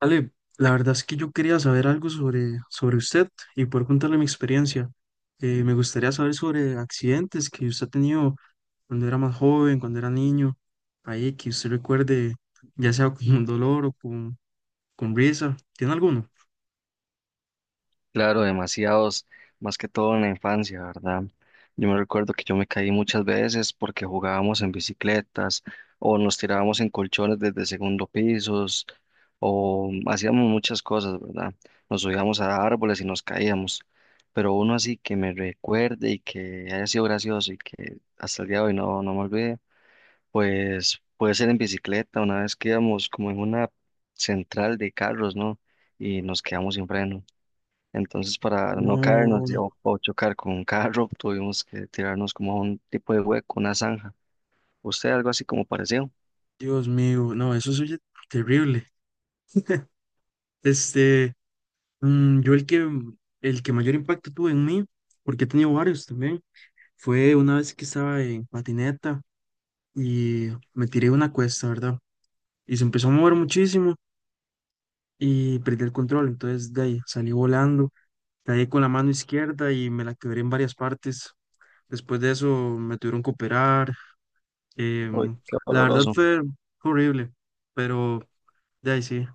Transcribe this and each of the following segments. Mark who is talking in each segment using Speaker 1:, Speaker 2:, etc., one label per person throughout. Speaker 1: Ale, la verdad es que yo quería saber algo sobre usted y poder contarle mi experiencia. Me gustaría saber sobre accidentes que usted ha tenido cuando era más joven, cuando era niño, ahí que usted recuerde, ya sea con dolor o con risa. ¿Tiene alguno?
Speaker 2: Claro, demasiados, más que todo en la infancia, ¿verdad? Yo me recuerdo que yo me caí muchas veces porque jugábamos en bicicletas o nos tirábamos en colchones desde segundo pisos o hacíamos muchas cosas, ¿verdad? Nos subíamos a árboles y nos caíamos. Pero uno así que me recuerde y que haya sido gracioso y que hasta el día de hoy no me olvide, pues puede ser en bicicleta, una vez que íbamos como en una central de carros, ¿no? Y nos quedamos sin freno. Entonces, para no
Speaker 1: No,
Speaker 2: caernos o chocar con un carro, tuvimos que tirarnos como a un tipo de hueco, una zanja. ¿Usted algo así como parecido?
Speaker 1: Dios mío, no, eso es terrible. Este, yo el que mayor impacto tuvo en mí, porque he tenido varios también, fue una vez que estaba en patineta, y me tiré una cuesta, ¿verdad? Y se empezó a mover muchísimo y perdí el control, entonces de ahí salí volando, caí con la mano izquierda y me la quebré en varias partes. Después de eso me tuvieron que operar.
Speaker 2: Uy,
Speaker 1: em,
Speaker 2: qué
Speaker 1: la verdad
Speaker 2: doloroso.
Speaker 1: fue horrible, pero de ahí sí,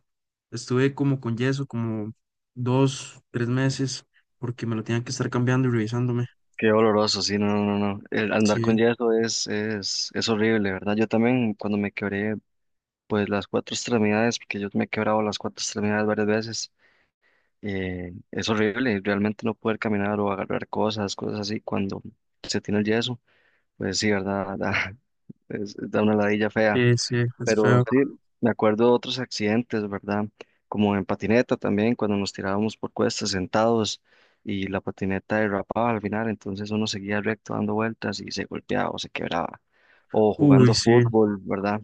Speaker 1: estuve como con yeso, como dos, tres meses, porque me lo tenían que estar cambiando y revisándome.
Speaker 2: Qué doloroso, sí, no, no, no. No. El andar
Speaker 1: Sí,
Speaker 2: con yeso es horrible, ¿verdad? Yo también cuando me quebré, pues las cuatro extremidades, porque yo me he quebrado las cuatro extremidades varias veces, es horrible, realmente no poder caminar o agarrar cosas, cosas así, cuando se tiene el yeso, pues sí, ¿verdad? Da, da una ladilla fea.
Speaker 1: sí, sí, es
Speaker 2: Pero
Speaker 1: feo.
Speaker 2: sí, me acuerdo de otros accidentes, ¿verdad? Como en patineta también, cuando nos tirábamos por cuestas sentados y la patineta derrapaba al final, entonces uno seguía recto dando vueltas y se golpeaba o se quebraba. O
Speaker 1: Uy,
Speaker 2: jugando
Speaker 1: sí.
Speaker 2: fútbol, ¿verdad?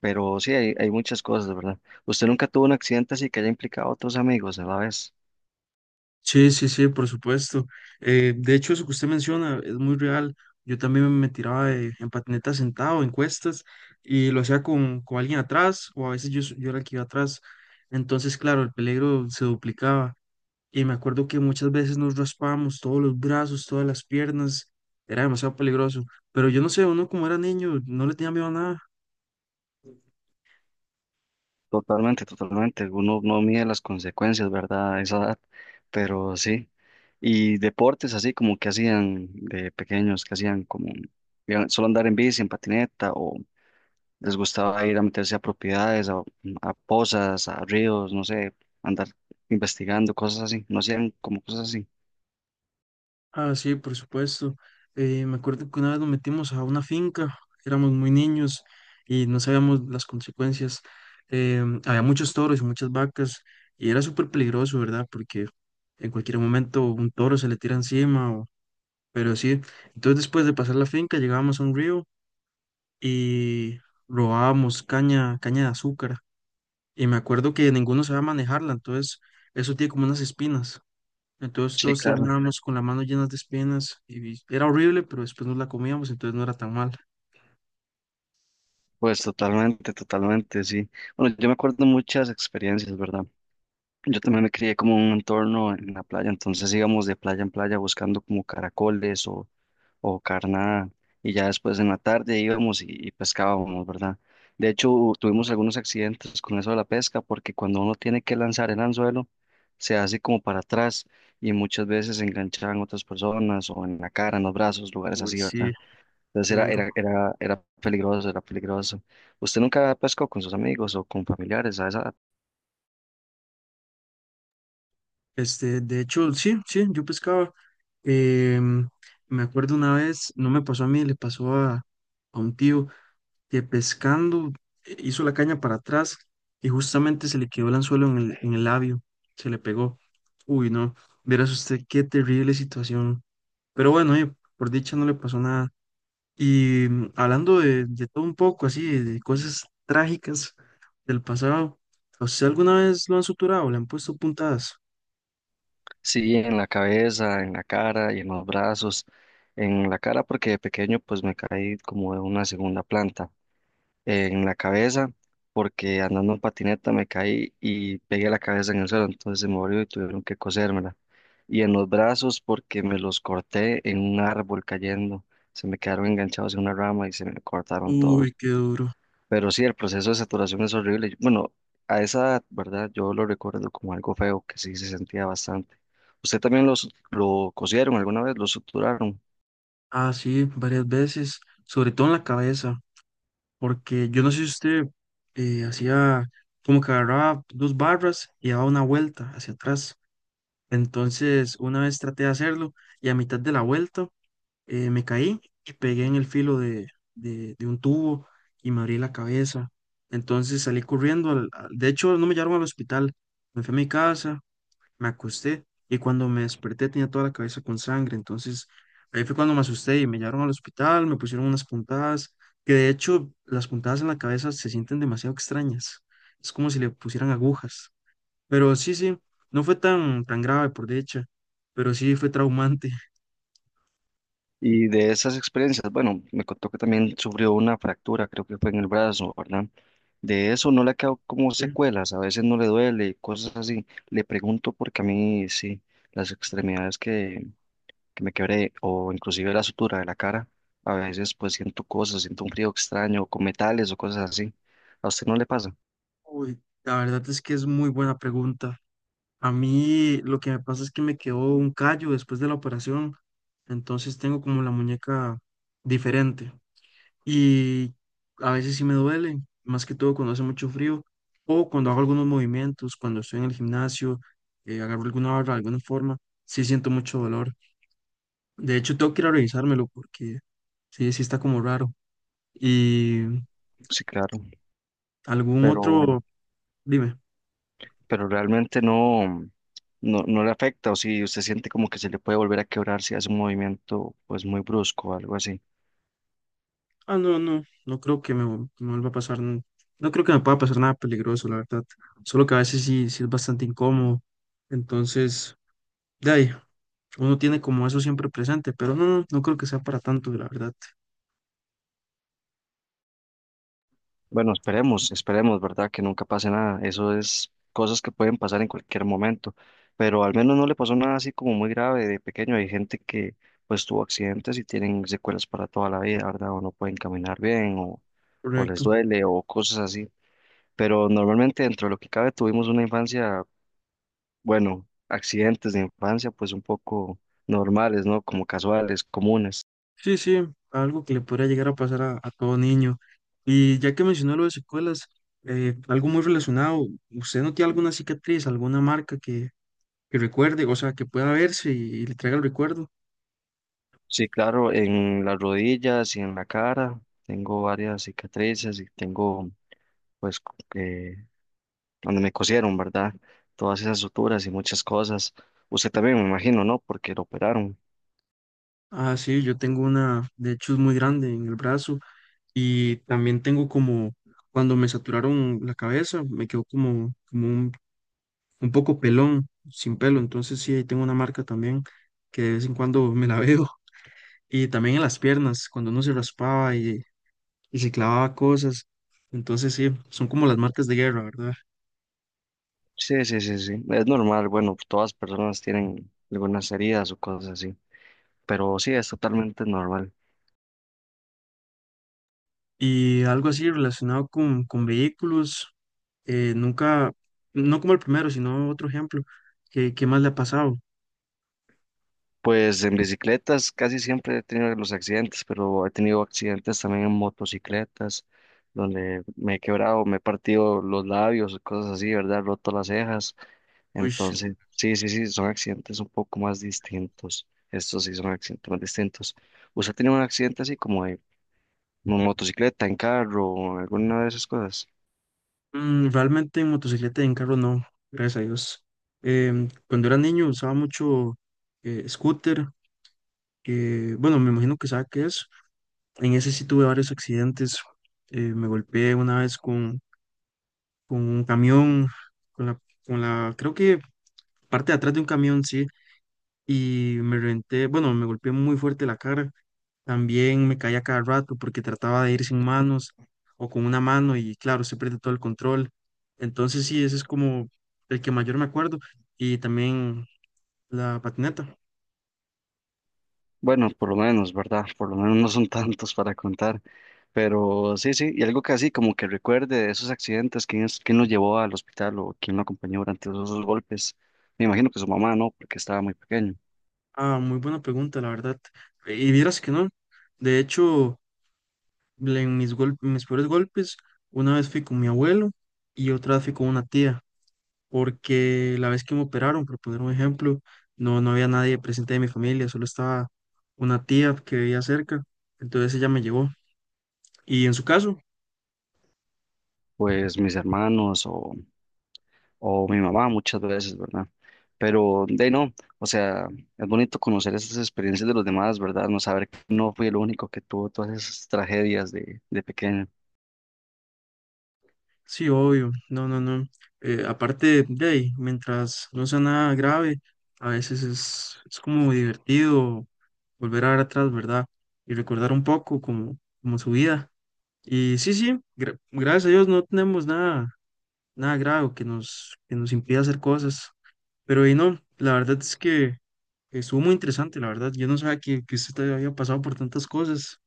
Speaker 2: Pero sí, hay muchas cosas, ¿verdad? ¿Usted nunca tuvo un accidente así que haya implicado a otros amigos a la vez?
Speaker 1: Sí, sí, sí, por supuesto. De hecho, eso que usted menciona es muy real. Yo también me tiraba en patineta sentado, en cuestas, y lo hacía con alguien atrás, o a veces yo era el que iba atrás. Entonces, claro, el peligro se duplicaba. Y me acuerdo que muchas veces nos raspábamos todos los brazos, todas las piernas. Era demasiado peligroso. Pero yo no sé, uno como era niño, no le tenía miedo a nada.
Speaker 2: Totalmente, totalmente. Uno no mide las consecuencias, ¿verdad? A esa edad, pero sí. Y deportes así como que hacían de pequeños, que hacían como iban solo andar en bici, en patineta, o les gustaba ir a meterse a propiedades, a pozas, a ríos, no sé, andar investigando, cosas así. No hacían como cosas así.
Speaker 1: Ah, sí, por supuesto. Me acuerdo que una vez nos metimos a una finca, éramos muy niños y no sabíamos las consecuencias. Había muchos toros y muchas vacas y era súper peligroso, ¿verdad? Porque en cualquier momento un toro se le tira encima, pero sí. Entonces después de pasar la finca llegábamos a un río y robábamos caña, caña de azúcar. Y me acuerdo que ninguno sabía manejarla, entonces eso tiene como unas espinas. Entonces
Speaker 2: Sí,
Speaker 1: todos
Speaker 2: claro.
Speaker 1: terminábamos con la mano llenas de espinas y era horrible, pero después nos la comíamos, entonces no era tan mal.
Speaker 2: Pues totalmente, totalmente, sí. Bueno, yo me acuerdo muchas experiencias, ¿verdad? Yo también me crié como en un entorno en la playa, entonces íbamos de playa en playa buscando como caracoles o carnada y ya después en la tarde íbamos y pescábamos, ¿verdad? De hecho, tuvimos algunos accidentes con eso de la pesca porque cuando uno tiene que lanzar el anzuelo, se hace como para atrás y muchas veces se enganchaban otras personas o en la cara, en los brazos, lugares
Speaker 1: Uy,
Speaker 2: así,
Speaker 1: sí,
Speaker 2: ¿verdad? Entonces
Speaker 1: qué
Speaker 2: era,
Speaker 1: duro.
Speaker 2: era, era, era peligroso, era peligroso. ¿Usted nunca pescó con sus amigos o con familiares a esa-
Speaker 1: Este, de hecho, sí, sí, yo pescaba. Em, Me acuerdo una vez, no me pasó a mí, le pasó a un tío que pescando hizo la caña para atrás y justamente se le quedó el anzuelo en el labio, se le pegó. Uy, no, verás usted qué terrible situación. Pero bueno, por dicha no le pasó nada. Y hablando de todo un poco, así, de cosas trágicas del pasado, ¿a ¿usted alguna vez lo han suturado, le han puesto puntadas?
Speaker 2: Sí, en la cabeza, en la cara y en los brazos. En la cara porque de pequeño pues me caí como de una segunda planta. En la cabeza porque andando en patineta me caí y pegué la cabeza en el suelo, entonces se me volvió y tuvieron que cosérmela. Y en los brazos porque me los corté en un árbol cayendo. Se me quedaron enganchados en una rama y se me cortaron
Speaker 1: Uy,
Speaker 2: todos.
Speaker 1: qué duro.
Speaker 2: Pero sí, el proceso de saturación es horrible. Bueno, a esa edad, ¿verdad? Yo lo recuerdo como algo feo, que sí se sentía bastante. ¿Usted también lo cosieron alguna vez, lo suturaron?
Speaker 1: Ah, sí, varias veces, sobre todo en la cabeza, porque yo no sé si usted hacía como que agarraba dos barras y daba una vuelta hacia atrás. Entonces, una vez traté de hacerlo y a mitad de la vuelta me caí y pegué en el filo de un tubo y me abrí la cabeza. Entonces salí corriendo, de hecho no me llevaron al hospital, me fui a mi casa, me acosté y cuando me desperté tenía toda la cabeza con sangre. Entonces ahí fue cuando me asusté y me llevaron al hospital, me pusieron unas puntadas, que de hecho las puntadas en la cabeza se sienten demasiado extrañas. Es como si le pusieran agujas. Pero sí, sí, no fue tan, tan grave por dicha, pero sí fue traumante.
Speaker 2: Y de esas experiencias, bueno, me contó que también sufrió una fractura, creo que fue en el brazo, ¿verdad? De eso no le ha quedado como secuelas, a veces no le duele, cosas así. Le pregunto porque a mí sí, las extremidades que me quebré o inclusive la sutura de la cara. A veces pues siento cosas, siento un frío extraño con metales o cosas así. ¿A usted no le pasa?
Speaker 1: Uy, la verdad es que es muy buena pregunta. A mí lo que me pasa es que me quedó un callo después de la operación, entonces tengo como la muñeca diferente y a veces sí me duele, más que todo cuando hace mucho frío o cuando hago algunos movimientos, cuando estoy en el gimnasio, agarro alguna barra, alguna forma, sí siento mucho dolor. De hecho, tengo que ir a revisármelo porque sí, sí está como raro. ¿Y
Speaker 2: Sí, claro,
Speaker 1: algún
Speaker 2: pero,
Speaker 1: otro? Dime.
Speaker 2: pero realmente no, no le afecta o si usted siente como que se le puede volver a quebrar si hace un movimiento pues muy brusco o algo así.
Speaker 1: Ah, no, no, no creo que me vuelva a pasar, no, creo que me pueda pasar nada peligroso, la verdad. Solo que a veces sí, sí es bastante incómodo. Entonces, de ahí, uno tiene como eso siempre presente, pero no, no, no creo que sea para tanto, la verdad.
Speaker 2: Bueno, esperemos, esperemos, ¿verdad? Que nunca pase nada. Eso es cosas que pueden pasar en cualquier momento. Pero al menos no le pasó nada así como muy grave de pequeño. Hay gente que pues tuvo accidentes y tienen secuelas para toda la vida, ¿verdad? O no pueden caminar bien o les
Speaker 1: Correcto.
Speaker 2: duele o cosas así. Pero normalmente dentro de lo que cabe tuvimos una infancia, bueno, accidentes de infancia pues un poco normales, ¿no? Como casuales, comunes.
Speaker 1: Sí, sí, algo que le podría llegar a pasar a todo niño. Y ya que mencionó lo de secuelas, algo muy relacionado, ¿usted no tiene alguna cicatriz, alguna marca que recuerde, o sea, que pueda verse y le traiga el recuerdo?
Speaker 2: Sí, claro, en las rodillas y en la cara. Tengo varias cicatrices y tengo pues, donde me cosieron, ¿verdad? Todas esas suturas y muchas cosas. Usted también, me imagino, ¿no? Porque lo operaron.
Speaker 1: Ah, sí, yo tengo una, de hecho es muy grande en el brazo y también tengo como, cuando me saturaron la cabeza, me quedó como un, poco pelón, sin pelo, entonces sí, ahí tengo una marca también que de vez en cuando me la veo y también en las piernas, cuando uno se raspaba y se clavaba cosas, entonces sí, son como las marcas de guerra, ¿verdad?
Speaker 2: Sí, sí, sí, sí. Es normal, bueno, todas personas tienen algunas heridas o cosas así, pero sí, es totalmente normal.
Speaker 1: Y algo así relacionado con vehículos, nunca, no como el primero, sino otro ejemplo, ¿Qué más le ha pasado?
Speaker 2: Pues en bicicletas casi siempre he tenido los accidentes, pero he tenido accidentes también en motocicletas, donde me he quebrado, me he partido los labios, cosas así, ¿verdad? Roto las cejas.
Speaker 1: Uy.
Speaker 2: Entonces, sí, sí, sí, son accidentes un poco más distintos. Estos sí son accidentes más distintos. ¿Usted ha tenido un accidente así como de motocicleta, en carro, alguna de esas cosas?
Speaker 1: Realmente en motocicleta y en carro no, gracias a Dios. Cuando era niño usaba mucho scooter, que bueno, me imagino que sabe qué es. En ese sí tuve varios accidentes. Me golpeé una vez con un camión, con la, creo que parte de atrás de un camión, sí, y me reventé, bueno, me golpeé muy fuerte la cara. También me caía cada rato porque trataba de ir sin manos o con una mano y claro, se pierde todo el control. Entonces sí, ese es como el que mayor me acuerdo. Y también la patineta.
Speaker 2: Bueno, por lo menos, ¿verdad? Por lo menos no son tantos para contar. Pero sí, sí, y algo que así como que recuerde de esos accidentes, quién es, quién lo llevó al hospital o quién lo acompañó durante esos golpes. Me imagino que su mamá, ¿no? Porque estaba muy pequeño.
Speaker 1: Ah, muy buena pregunta, la verdad. Y vieras que no. De hecho, en mis peores golpes, una vez fui con mi abuelo y otra vez fui con una tía, porque la vez que me operaron, por poner un ejemplo, no, no había nadie presente de mi familia, solo estaba una tía que vivía cerca. Entonces ella me llevó. Y en su caso,
Speaker 2: Pues mis hermanos o mi mamá muchas veces, ¿verdad? Pero de ahí no, o sea, es bonito conocer esas experiencias de los demás, ¿verdad? No saber que no fui el único que tuvo todas esas tragedias de pequeño.
Speaker 1: sí, obvio, no, no, no. Aparte de ahí, mientras no sea nada grave, a veces es como divertido volver a ver atrás, ¿verdad? Y recordar un poco como su vida. Y sí, sí, gracias a Dios no tenemos nada, nada grave que nos impida hacer cosas. Pero y no, la verdad es que estuvo muy interesante, la verdad. Yo no sabía que usted había pasado por tantas cosas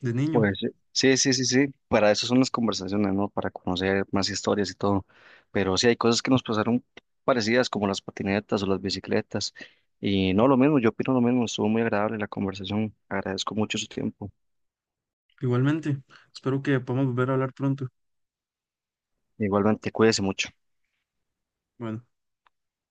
Speaker 1: de niño.
Speaker 2: Pues sí, sí, sí, sí, para eso son las conversaciones, ¿no? Para conocer más historias y todo. Pero sí hay cosas que nos pasaron parecidas, como las patinetas o las bicicletas. Y no, lo mismo, yo opino lo mismo, estuvo muy agradable la conversación. Agradezco mucho su tiempo.
Speaker 1: Igualmente, espero que podamos volver a hablar pronto.
Speaker 2: Igualmente, cuídese mucho.
Speaker 1: Bueno.